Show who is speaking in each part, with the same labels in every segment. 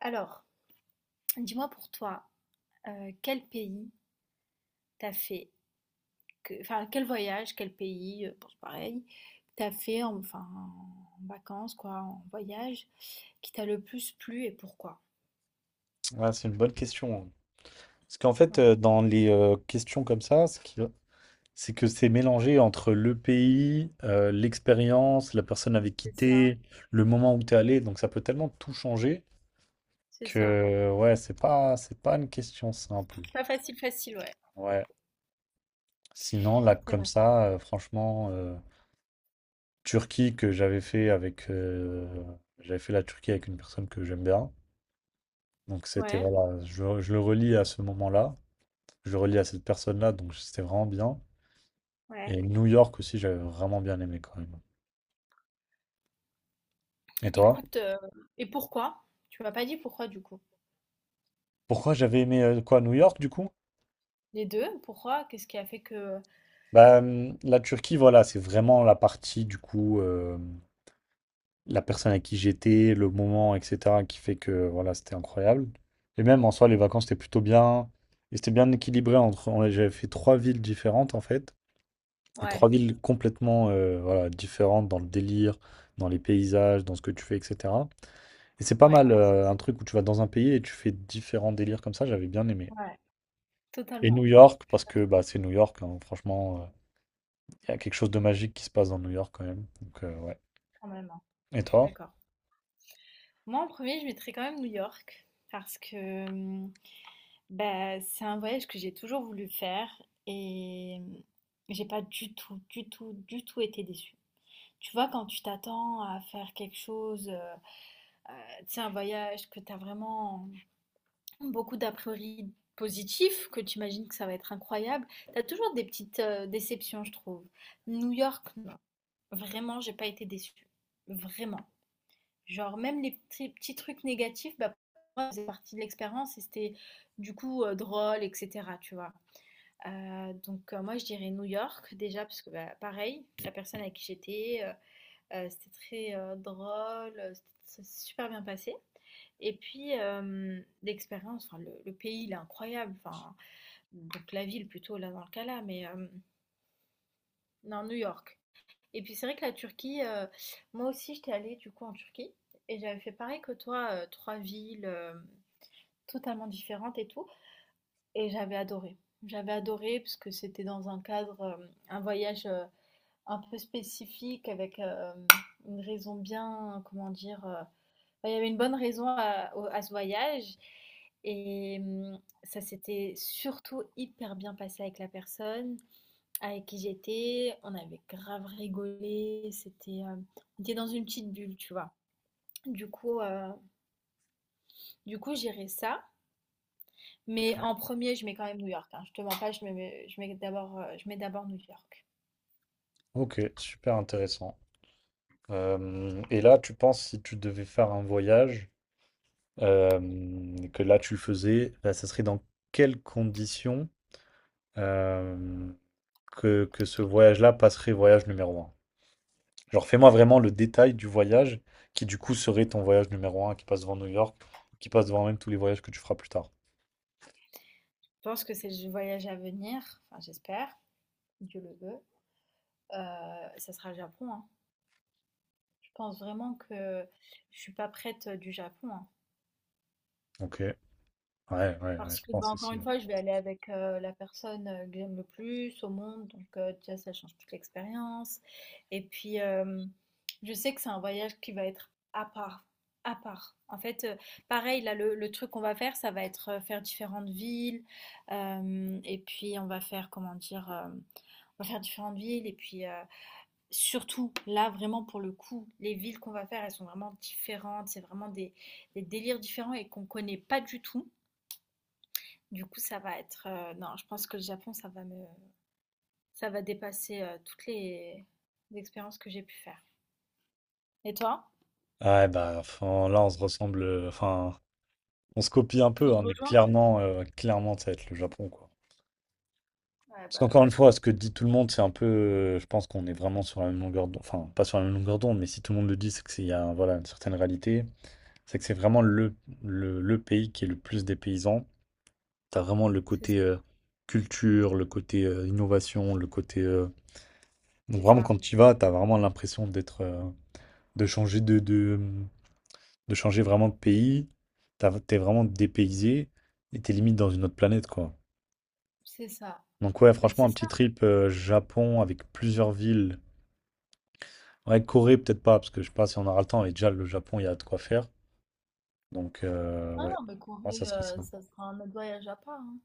Speaker 1: Alors, dis-moi pour toi, quel pays t'as fait, enfin quel voyage, quel pays, bon, c'est pareil, t'as fait enfin en vacances quoi, en voyage, qui t'a le plus plu et pourquoi?
Speaker 2: Ah, c'est une bonne question, hein. Parce qu'en fait,
Speaker 1: Ouais,
Speaker 2: dans les questions comme ça, c'est que c'est mélangé entre le pays, l'expérience, la personne avec qui
Speaker 1: c'est ça,
Speaker 2: t'es, le moment où t'es allé. Donc ça peut tellement tout changer
Speaker 1: c'est ça.
Speaker 2: que ouais, c'est pas une question simple.
Speaker 1: Pas facile, facile, ouais.
Speaker 2: Ouais. Sinon, là,
Speaker 1: C'est
Speaker 2: comme
Speaker 1: vrai.
Speaker 2: ça, franchement, Turquie que j'avais fait avec, j'avais fait la Turquie avec une personne que j'aime bien. Donc c'était
Speaker 1: Ouais,
Speaker 2: voilà, je le relis à ce moment-là, je le relis à cette personne-là, donc c'était vraiment bien. Et
Speaker 1: ouais.
Speaker 2: New York aussi, j'avais vraiment bien aimé quand même. Et toi?
Speaker 1: Écoute, et pourquoi? Tu m'as pas dit pourquoi du coup.
Speaker 2: Pourquoi j'avais aimé quoi, New York du coup?
Speaker 1: Les deux, pourquoi? Qu'est-ce qui a fait que.
Speaker 2: Bah, la Turquie, voilà, c'est vraiment la partie du coup, la personne à qui j'étais, le moment, etc., qui fait que voilà, c'était incroyable. Et même en soi, les vacances étaient plutôt bien. Et c'était bien équilibré J'avais fait trois villes différentes en fait. Et trois
Speaker 1: Ouais,
Speaker 2: villes complètement voilà, différentes dans le délire, dans les paysages, dans ce que tu fais, etc. Et c'est pas
Speaker 1: ouais,
Speaker 2: mal,
Speaker 1: c'est.
Speaker 2: un truc où tu vas dans un pays et tu fais différents délires comme ça, j'avais bien aimé.
Speaker 1: Ouais,
Speaker 2: Et New
Speaker 1: totalement.
Speaker 2: York,
Speaker 1: Je suis
Speaker 2: parce que
Speaker 1: d'accord,
Speaker 2: bah, c'est New York, hein, franchement, il y a quelque chose de magique qui se passe dans New York quand même. Donc, ouais.
Speaker 1: quand même, hein.
Speaker 2: Et
Speaker 1: Je suis
Speaker 2: toi?
Speaker 1: d'accord. Moi, en premier, je mettrais quand même New York parce que bah, c'est un voyage que j'ai toujours voulu faire et j'ai pas du tout, du tout, du tout été déçue. Tu vois, quand tu t'attends à faire quelque chose, tu sais, un voyage que tu as vraiment beaucoup d'a priori positifs, que tu imagines que ça va être incroyable, tu as toujours des petites déceptions, je trouve. New York, non. Vraiment, j'ai pas été déçue. Vraiment. Genre même les petits petits trucs négatifs, bah, pour moi, ça faisait partie de l'expérience et c'était du coup, drôle et cetera, tu vois? Donc, moi je dirais New York déjà parce que, bah, pareil, la personne avec qui j'étais, c'était très, drôle, c'était ça s'est super bien passé et puis, l'expérience, enfin le pays il est incroyable, enfin donc la ville plutôt là dans le cas là, mais non New York. Et puis c'est vrai que la Turquie, moi aussi j'étais allée du coup en Turquie et j'avais fait pareil que toi, trois villes totalement différentes et tout. Et j'avais adoré. J'avais adoré parce que c'était dans un cadre, un voyage un peu spécifique avec une raison bien, comment dire, enfin, il y avait une bonne raison à, à ce voyage. Et ça s'était surtout hyper bien passé avec la personne avec qui j'étais, on avait grave rigolé, c'était, on était dans une petite bulle, tu vois. Du coup, euh, du coup, j'irai ça. Mais en premier, je mets quand même New York, hein. Je te mens pas, je mets d'abord New York.
Speaker 2: Ok, super intéressant. Et là, tu penses si tu devais faire un voyage, euh, que là tu le faisais, là, ça serait dans quelles conditions euh, que ce voyage-là passerait voyage numéro un. Genre, fais-moi vraiment le détail du voyage qui, du coup, serait ton voyage numéro un qui passe devant New York, qui passe devant même tous les voyages que tu feras plus tard.
Speaker 1: Je pense que c'est le voyage à venir, enfin j'espère, Dieu le veut. Ça sera le Japon, hein. Je pense vraiment que je suis pas prête du Japon, hein.
Speaker 2: Ok, ouais,
Speaker 1: Parce
Speaker 2: je
Speaker 1: que, bah,
Speaker 2: pense
Speaker 1: encore une
Speaker 2: aussi.
Speaker 1: fois, je vais aller avec, la personne, que j'aime le plus au monde, donc déjà ça change toute l'expérience et puis, je sais que c'est un voyage qui va être à part à part. En fait, pareil là, le truc qu'on va faire, ça va être, faire différentes villes, hem et puis on va faire, comment dire? On va faire différentes villes et puis, surtout là, vraiment pour le coup, les villes qu'on va faire, elles sont vraiment différentes. C'est vraiment des délires différents et qu'on connaît pas du tout. Du coup, ça va être, non, je pense que le Japon, ça va dépasser, toutes les expériences que j'ai pu faire. Et toi?
Speaker 2: Ouais, bah, enfin, là, on se ressemble, enfin, on se copie un peu,
Speaker 1: On se
Speaker 2: hein, mais
Speaker 1: rejoint?
Speaker 2: clairement, clairement, ça va être le Japon, quoi.
Speaker 1: Ouais,
Speaker 2: Parce
Speaker 1: bah.
Speaker 2: qu'encore une fois, ce que dit tout le monde, c'est un peu, je pense qu'on est vraiment sur la même longueur d'onde, enfin, pas sur la même longueur d'onde, mais si tout le monde le dit, c'est qu'il y a, voilà, une certaine réalité. C'est que c'est vraiment le pays qui est le plus des paysans. T'as vraiment le
Speaker 1: C'est
Speaker 2: côté
Speaker 1: ça,
Speaker 2: culture, le côté innovation, Donc
Speaker 1: c'est
Speaker 2: vraiment,
Speaker 1: ça.
Speaker 2: quand tu y vas, t'as vraiment de changer de changer vraiment de pays. T'es vraiment dépaysé et t'es limite dans une autre planète, quoi.
Speaker 1: C'est ça.
Speaker 2: Donc ouais,
Speaker 1: Beh,
Speaker 2: franchement,
Speaker 1: c'est
Speaker 2: un
Speaker 1: ça.
Speaker 2: petit trip Japon avec plusieurs villes. Ouais, Corée, peut-être pas, parce que je sais pas si on aura le temps. Et déjà, le Japon, il y a de quoi faire. Donc
Speaker 1: Ah
Speaker 2: ouais,
Speaker 1: non, mais
Speaker 2: moi, ça
Speaker 1: Corée,
Speaker 2: serait ça.
Speaker 1: ça sera un autre voyage à part, hein.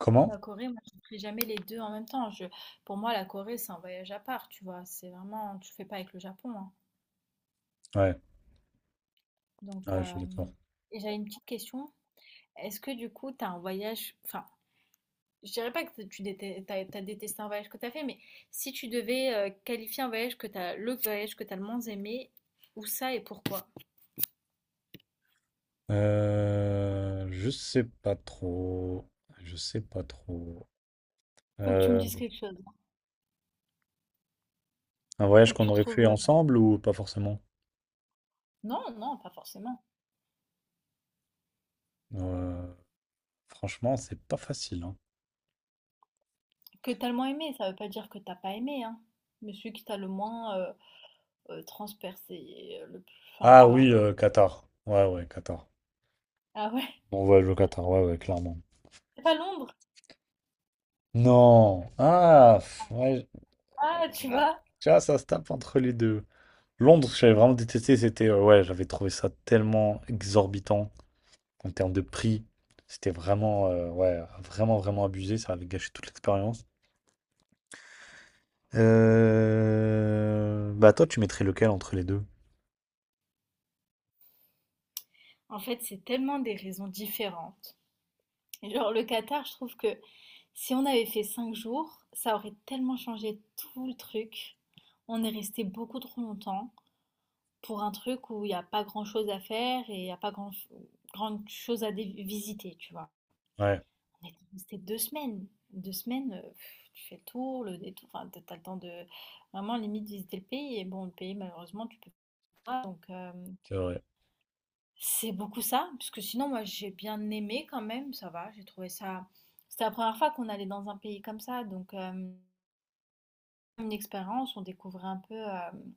Speaker 2: Comment?
Speaker 1: La Corée, moi, je ne ferai jamais les 2 en même temps. Je pour moi, la Corée, c'est un voyage à part, tu vois? C'est vraiment tu le fais pas avec le Japon, hein.
Speaker 2: Ouais,
Speaker 1: Donc,
Speaker 2: ouais, je suis
Speaker 1: hem,
Speaker 2: d'accord.
Speaker 1: et j'avais une petite question. Est-ce que du coup, tu as un voyage enfin je dirais pas que tu détestes, t'as détesté un voyage que t'as fait, mais si tu devais qualifier un voyage le voyage que t'as le moins aimé, où ça et pourquoi?
Speaker 2: Je sais pas trop. Je sais pas trop.
Speaker 1: Faut que tu me
Speaker 2: Euh,
Speaker 1: dises quelque chose.
Speaker 2: un voyage
Speaker 1: Faut que
Speaker 2: qu'on
Speaker 1: tu
Speaker 2: aurait
Speaker 1: trouves.
Speaker 2: fait
Speaker 1: euh,
Speaker 2: ensemble ou pas forcément?
Speaker 1: Non, non, pas forcément.
Speaker 2: Euh, Franchement, c'est pas facile, hein.
Speaker 1: Que t'as le moins aimé, ça veut pas dire que t'as pas aimé, hein. Mais celui que t'as le moins transpercé, le plus. Enfin,
Speaker 2: Ah
Speaker 1: tu vois.
Speaker 2: oui, Qatar. Ouais, ouais, Qatar.
Speaker 1: Ah ouais,
Speaker 2: On voyage au Qatar, ouais, ouais, clairement.
Speaker 1: c'est pas Londres.
Speaker 2: Non. Ah, pff, ouais. je-
Speaker 1: Ah, tu
Speaker 2: ah,
Speaker 1: vois.
Speaker 2: Tu vois, ça se tape entre les deux. Londres, j'avais vraiment détesté. C'était, ouais, j'avais trouvé ça tellement exorbitant en termes de prix. C'était vraiment, ouais, vraiment, vraiment abusé. Ça avait gâché toute l'expérience. Bah, toi, tu mettrais lequel entre les deux?
Speaker 1: En fait, c'est tellement des raisons différentes. Et genre, le Qatar, je trouve que si on avait fait 5 jours, ça aurait tellement changé tout le truc. On est resté beaucoup trop longtemps pour un truc où il n'y a pas grand-chose à faire et il n'y a pas grand, grande chose à visiter, tu vois.
Speaker 2: Ouais,
Speaker 1: On est resté 2 semaines. 2 semaines, pff, tu fais le tour, le détour, enfin, t'as le temps de vraiment limite visiter le pays. Et bon, le pays, malheureusement, tu peux pas. Donc,
Speaker 2: c'est vrai.
Speaker 1: c'est beaucoup ça. Parce que sinon, moi, j'ai bien aimé quand même, ça va. J'ai trouvé ça. C'était la première fois qu'on allait dans un pays comme ça. Donc, une expérience, on découvrait un peu,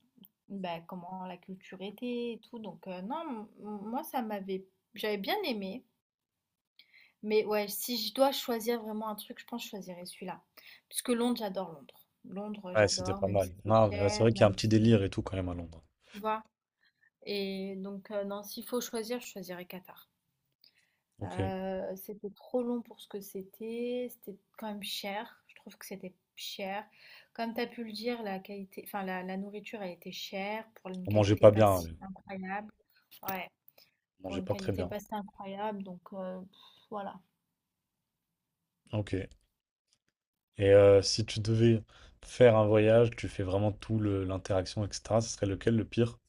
Speaker 1: bah, comment la culture était et tout donc non, m m moi ça m'avait j'avais bien aimé, mais ouais, si je dois choisir vraiment un truc, je pense que je choisirais celui-là. Puisque Londres, j'adore Londres. Londres,
Speaker 2: Ouais, c'était
Speaker 1: j'adore
Speaker 2: pas
Speaker 1: même si
Speaker 2: mal.
Speaker 1: c'est
Speaker 2: Non, mais ouais, c'est
Speaker 1: cher,
Speaker 2: vrai qu'il y a un
Speaker 1: même
Speaker 2: petit
Speaker 1: si
Speaker 2: délire et tout quand même à Londres.
Speaker 1: tu vois? Et donc non, s'il faut choisir, je choisirais Qatar.
Speaker 2: Ok.
Speaker 1: C'était trop long pour ce que c'était, c'était quand même cher. Je trouve que c'était cher. Comme tu as pu le dire, la qualité enfin la nourriture, elle était chère pour une
Speaker 2: On mangeait
Speaker 1: qualité
Speaker 2: pas
Speaker 1: pas
Speaker 2: bien,
Speaker 1: si
Speaker 2: ouais.
Speaker 1: incroyable. Ouais,
Speaker 2: On
Speaker 1: pour
Speaker 2: mangeait
Speaker 1: une
Speaker 2: pas très
Speaker 1: qualité
Speaker 2: bien.
Speaker 1: pas si incroyable, donc voilà.
Speaker 2: Ok. Et si tu devais faire un voyage, tu fais vraiment tout l'interaction, etc., ce serait lequel le pire?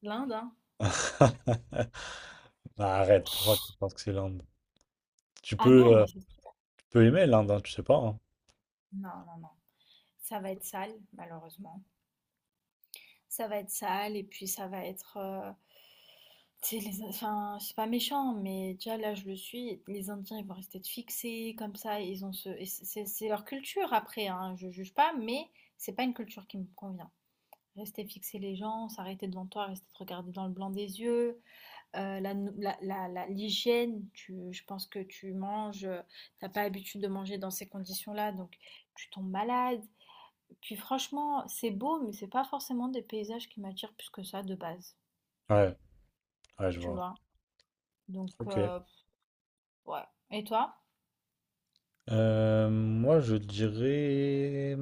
Speaker 1: L'Inde, hein?
Speaker 2: Bah, arrête, pourquoi tu penses que c'est l'Inde? Tu
Speaker 1: Ah non,
Speaker 2: peux, euh,
Speaker 1: mais c'est sûr.
Speaker 2: tu peux aimer l'Inde, hein, tu sais pas, hein.
Speaker 1: Non, non, non. Ça va être sale, malheureusement. Ça va être sale et puis ça va être. C'est les, enfin, c'est pas méchant, mais déjà là je le suis. Les Indiens ils vont rester fixés comme ça. Ils ont ce, et c'est leur culture après. Hein, je juge pas, mais c'est pas une culture qui me convient. Rester fixer les gens, s'arrêter devant toi, rester te regarder dans le blanc des yeux, la, nou- la- la- la- l'hygiène. Je pense que tu manges, t'as pas l'habitude de manger dans ces conditions-là, donc tu tombes malade. Puis franchement, c'est beau, mais c'est pas forcément des paysages qui m'attirent plus que ça de base.
Speaker 2: Ouais, ouais, je
Speaker 1: Tu
Speaker 2: vois.
Speaker 1: vois. Donc,
Speaker 2: Ok.
Speaker 1: euh, Ouais. Et toi?
Speaker 2: Moi, je dirais,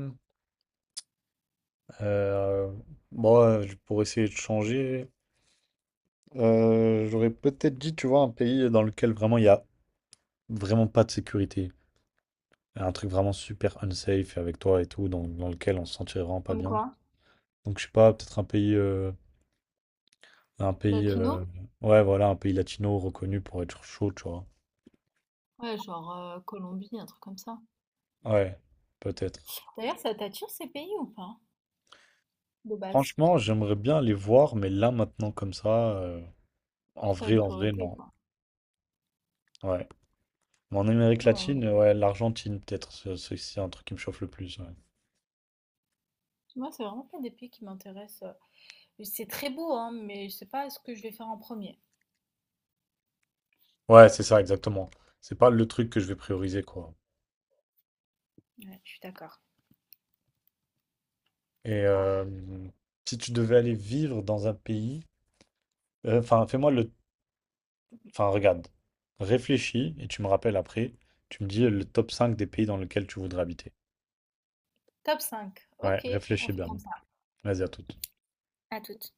Speaker 2: euh, bon, pour essayer de changer, j'aurais peut-être dit, tu vois, un pays dans lequel vraiment il n'y a vraiment pas de sécurité. Un truc vraiment super unsafe avec toi et tout, dans, dans lequel on se sentirait vraiment pas
Speaker 1: Comme
Speaker 2: bien.
Speaker 1: quoi?
Speaker 2: Donc, je sais pas, peut-être un pays, un pays, euh,
Speaker 1: Latino?
Speaker 2: ouais, voilà, un pays latino reconnu pour être chaud, tu vois.
Speaker 1: Ouais, genre Colombie, un truc comme ça.
Speaker 2: Ouais, peut-être.
Speaker 1: D'ailleurs, ça t'attire ces pays ou pas? De base.
Speaker 2: Franchement, j'aimerais bien les voir, mais là, maintenant, comme ça,
Speaker 1: C'est pas une
Speaker 2: en vrai,
Speaker 1: priorité,
Speaker 2: non.
Speaker 1: quoi.
Speaker 2: Ouais. Mais en Amérique
Speaker 1: Ouais, ouais.
Speaker 2: latine, ouais, l'Argentine, peut-être, c'est un truc qui me chauffe le plus. Ouais.
Speaker 1: Moi, c'est vraiment pas des pays qui m'intéressent. C'est très beau, hein, mais je sais pas ce que je vais faire en premier.
Speaker 2: Ouais, c'est ça, exactement. C'est pas le truc que je vais prioriser, quoi.
Speaker 1: Ouais, je suis d'accord.
Speaker 2: Et si tu devais aller vivre dans un pays, enfin, fais-moi le enfin, regarde, réfléchis et tu me rappelles après. Tu me dis le top 5 des pays dans lesquels tu voudrais habiter.
Speaker 1: Top 5.
Speaker 2: Ouais,
Speaker 1: Ok, on
Speaker 2: réfléchis
Speaker 1: fait
Speaker 2: bien.
Speaker 1: comme ça.
Speaker 2: Vas-y, à toute.
Speaker 1: À toutes.